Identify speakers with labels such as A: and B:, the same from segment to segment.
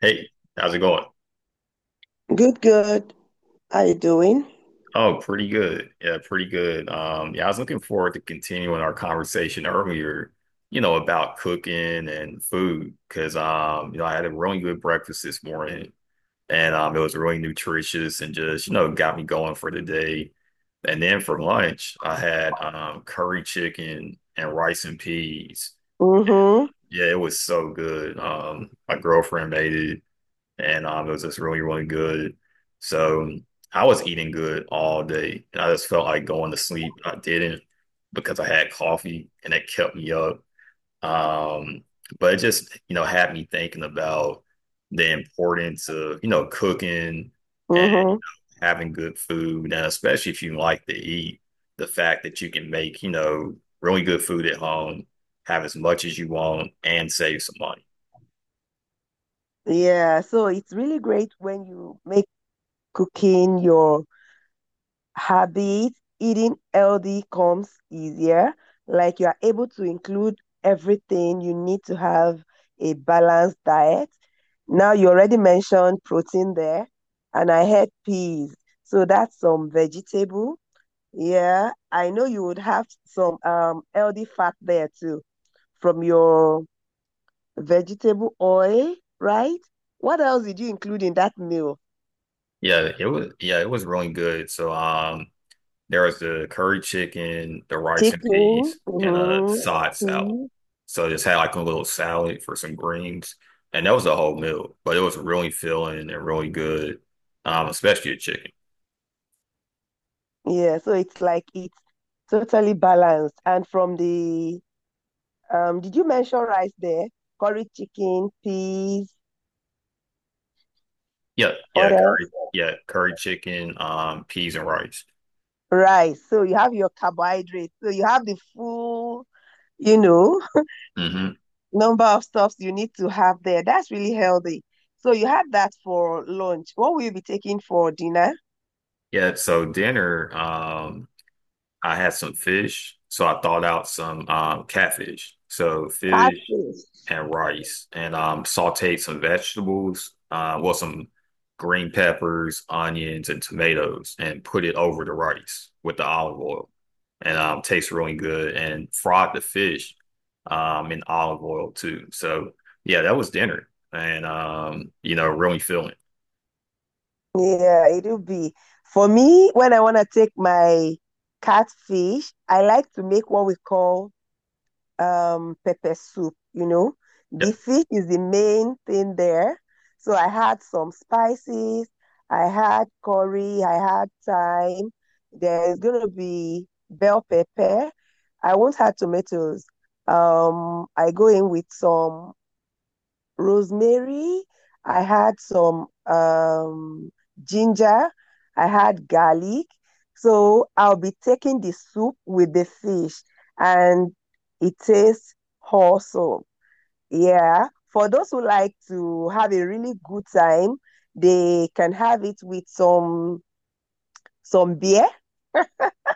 A: Hey, how's it going?
B: Good, good. How you doing?
A: Oh, pretty good. Yeah, pretty good. Yeah, I was looking forward to continuing our conversation earlier, you know, about cooking and food, because you know, I had a really good breakfast this morning, and it was really nutritious and just, you know, got me going for the day. And then for lunch, I had curry chicken and rice and peas.
B: Mm-hmm.
A: Yeah, it was so good. My girlfriend made it, and it was just really, really good. So I was eating good all day, and I just felt like going to sleep. I didn't because I had coffee, and it kept me up. Um, but it just, you know, had me thinking about the importance of, you know, cooking and
B: Mm-hmm.
A: having good food, and especially if you like to eat, the fact that you can make, you know, really good food at home, have as much as you want, and save some money.
B: Yeah, so it's really great when you make cooking your habit, eating healthy comes easier. Like you are able to include everything you need to have a balanced diet. Now you already mentioned protein there, and I had peas. So that's some vegetable. Yeah, I know you would have some healthy fat there too from your vegetable oil, right? What else did you include in that meal?
A: Yeah, it was really good. So there was the curry chicken, the rice and peas,
B: Chicken.
A: and a
B: Mm-hmm.
A: side salad.
B: Mm.
A: So just had like a little salad for some greens, and that was a whole meal. But it was really filling and really good, especially the chicken.
B: Yeah, so it's like it's totally balanced. And from the did you mention rice there? Curry chicken, peas,
A: Yeah, yeah,
B: what else?
A: curry, yeah, curry chicken, peas and rice.
B: Rice. So you have your carbohydrates. So you have the full, you know,
A: hmm
B: number of stuffs you need to have there. That's really healthy. So you had that for lunch. What will you be taking for dinner?
A: Yeah, so dinner, I had some fish, so I thawed out some catfish. So fish.
B: Catfish.
A: And rice, and sauteed some vegetables, well, some green peppers, onions, and tomatoes, and put it over the rice with the olive oil, and tastes really good. And fried the fish in olive oil too. So yeah, that was dinner, and you know, really filling.
B: Yeah, it'll be. For me, when I want to take my catfish, I like to make what we call pepper soup.
A: Yep,
B: The fish is the main thing there. So I had some spices, I had curry, I had thyme. There's gonna be bell pepper. I won't have tomatoes. I go in with some rosemary, I had some ginger, I had garlic. So I'll be taking the soup with the fish and it tastes awesome. Yeah. For those who like to have a really good time, they can have it with some beer.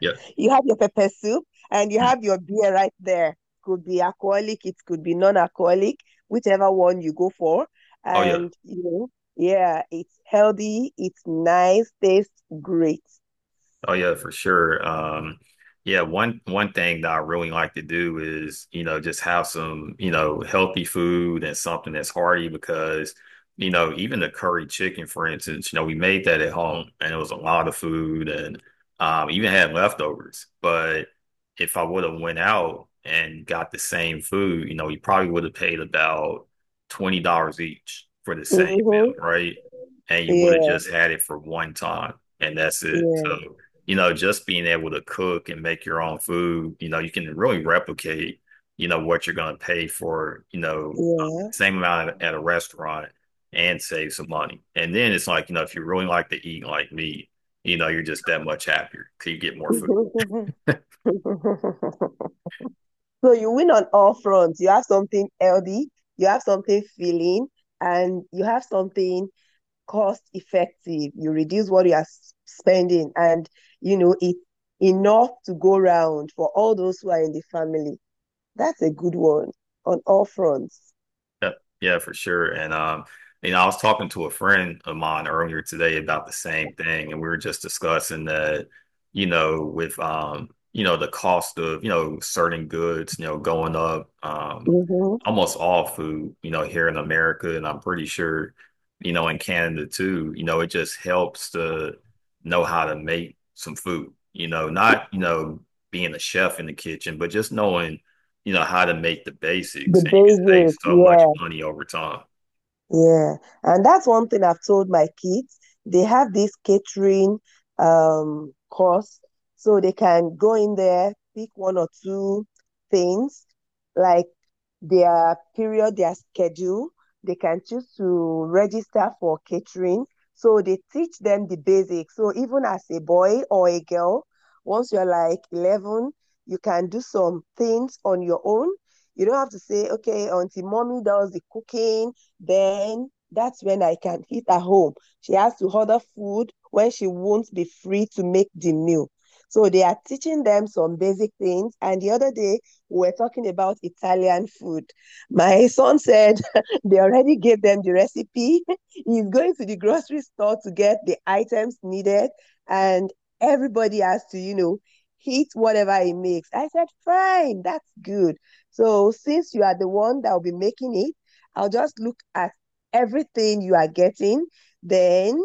A: yep.
B: You have your pepper soup and you
A: Mm.
B: have your beer right there. Could be alcoholic, it could be non-alcoholic, whichever one you go for.
A: Oh yeah.
B: And you know, yeah, it's healthy, it's nice, tastes great.
A: Oh yeah, for sure. Yeah, one thing that I really like to do is, you know, just have some, you know, healthy food and something that's hearty because, you know, even the curry chicken, for instance, you know, we made that at home and it was a lot of food and even had leftovers. But if I would have went out and got the same food, you know, we probably would have paid about $20 each for the same meal,
B: Mm-hmm.
A: right? And you would have
B: Yeah,
A: just had it for one time and that's it.
B: yeah,
A: So you know, just being able to cook and make your own food, you know, you can really replicate, you know, what you're going to pay for, you know,
B: yeah,
A: same amount at a restaurant and save some money. And then it's like, you know, if you really like to eat like me, you know, you're just that much happier because you get more food.
B: So you win on all fronts. You have something healthy, you have something filling, and you have something cost effective. You reduce what you are spending, and you know it's enough to go round for all those who are in the family. That's a good one on all fronts.
A: Yep. Yeah, for sure. And you know, I was talking to a friend of mine earlier today about the same thing, and we were just discussing that, you know, with you know, the cost of, you know, certain goods, you know, going up,
B: Mm-hmm.
A: almost all food, you know, here in America, and I'm pretty sure, you know, in Canada too, you know, it just helps to know how to make some food, you know, not, you know, being a chef in the kitchen, but just knowing you know how to make the
B: The
A: basics and you can save
B: basic,
A: so much
B: yeah.
A: money over time.
B: Yeah, and that's one thing I've told my kids. They have this catering course, so they can go in there, pick one or two things, like their period, their schedule. They can choose to register for catering. So they teach them the basics. So even as a boy or a girl, once you're like 11, you can do some things on your own. You don't have to say, okay, Auntie Mommy does the cooking then that's when I can eat at home. She has to order food when she won't be free to make the meal. So they are teaching them some basic things. And the other day, we were talking about Italian food. My son said they already gave them the recipe. He's going to the grocery store to get the items needed. And everybody has to eat whatever he makes. I said, fine, that's good. So since you are the one that will be making it, I'll just look at everything you are getting, then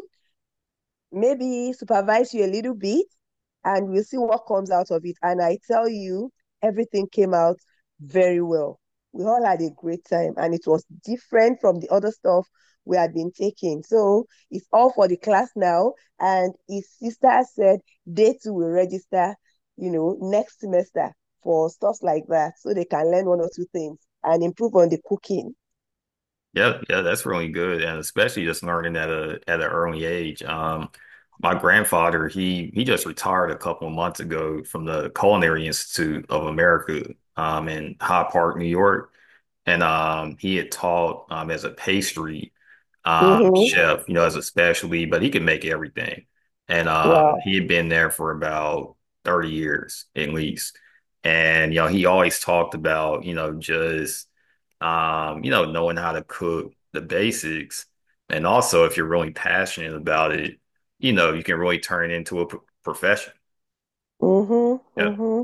B: maybe supervise you a little bit, and we'll see what comes out of it. And I tell you, everything came out very well. We all had a great time, and it was different from the other stuff we had been taking. So it's all for the class now. And his sister said they too will register next semester for stuff like that so they can learn one or two things and improve on the cooking.
A: Yeah, yeah, that's really good, and especially just learning at a at an early age. My grandfather, he just retired a couple of months ago from the Culinary Institute of America, in Hyde Park, New York, and he had taught as a pastry
B: Mm-hmm.
A: chef, you know, as a specialty, but he could make everything, and he
B: Wow.
A: had been there for about 30 years at least, and you know, he always talked about you know just you know, knowing how to cook the basics. And also, if you're really passionate about it, you know, you can really turn it into a profession.
B: Mm-hmm.
A: Yeah.
B: Mm-hmm.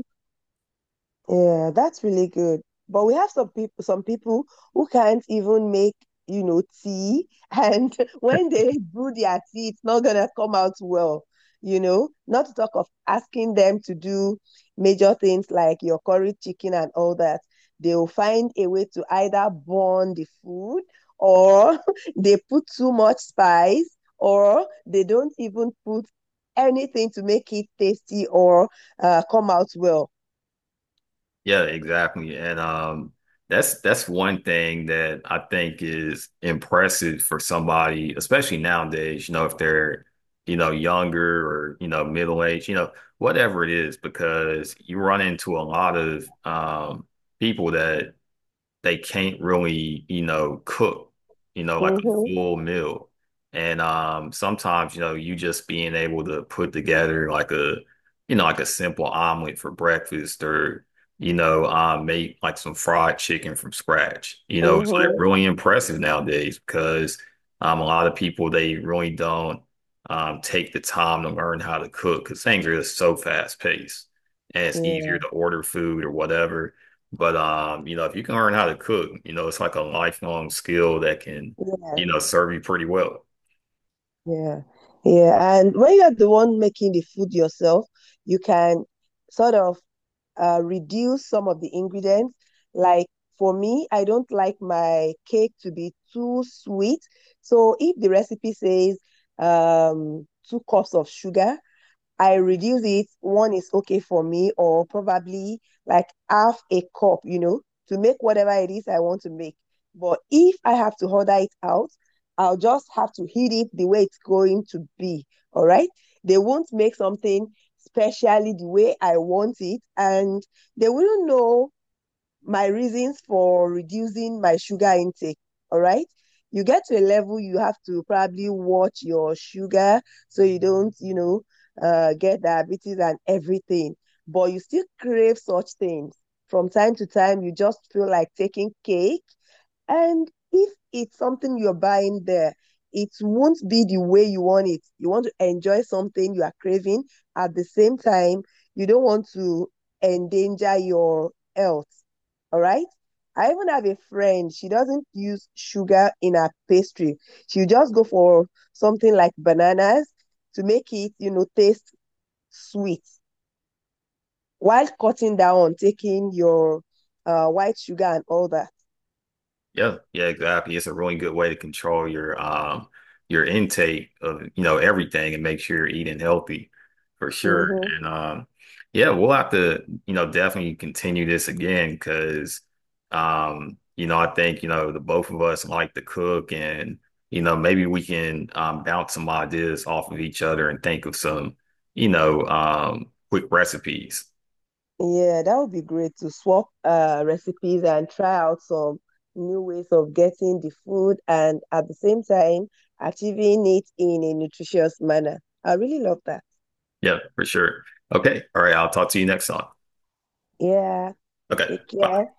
B: Yeah, that's really good. But we have some people who can't even make tea, and when they brew their tea, it's not gonna come out well, you know. Not to talk of asking them to do major things like your curry chicken and all that. They will find a way to either burn the food, or they put too much spice, or they don't even put anything to make it tasty or come out well.
A: Yeah, exactly. And That's one thing that I think is impressive for somebody, especially nowadays, you know, if they're, you know, younger or, you know, middle age, you know, whatever it is, because you run into a lot of people that they can't really, you know, cook, you know, like a
B: Mm-hmm.
A: full meal. And sometimes, you know, you just being able to put together like a, you know, like a simple omelet for breakfast or, you know, make like some fried chicken from scratch. You know, it's like
B: Mm-hmm.
A: really impressive nowadays because a lot of people, they really don't take the time to learn how to cook because things are just so fast paced and
B: Yeah.
A: it's easier
B: Yeah.
A: to order food or whatever. But you know, if you can learn how to cook, you know, it's like a lifelong skill that can, you
B: Yeah,
A: know, serve you pretty well.
B: yeah, yeah, yeah. And when you're the one making the food yourself, you can sort of reduce some of the ingredients. Like for me, I don't like my cake to be too sweet. So if the recipe says two cups of sugar, I reduce it, one is okay for me, or probably like half a cup, you know, to make whatever it is I want to make. But if I have to order it out, I'll just have to heat it the way it's going to be. All right. They won't make something specially the way I want it, and they wouldn't know my reasons for reducing my sugar intake. All right. You get to a level you have to probably watch your sugar so you don't, you know, get diabetes and everything. But you still crave such things. From time to time, you just feel like taking cake and if it's something you're buying there, it won't be the way you want it. You want to enjoy something you are craving. At the same time, you don't want to endanger your health. All right. I even have a friend, she doesn't use sugar in her pastry. She'll just go for something like bananas to make it, you know, taste sweet while cutting down on taking your white sugar and all that.
A: Yeah, yeah, exactly. It's a really good way to control your intake of you know everything and make sure you're eating healthy for sure. And
B: Mhm.
A: um yeah, we'll have to you know definitely continue this again because you know I think you know the both of us like to cook and you know maybe we can bounce some ideas off of each other and think of some you know quick recipes.
B: Yeah, that would be great to swap recipes and try out some new ways of getting the food and at the same time achieving it in a nutritious manner. I really love that.
A: Yeah, for sure. Okay, all right. I'll talk to you next time.
B: Yeah,
A: Okay,
B: take
A: bye.
B: care.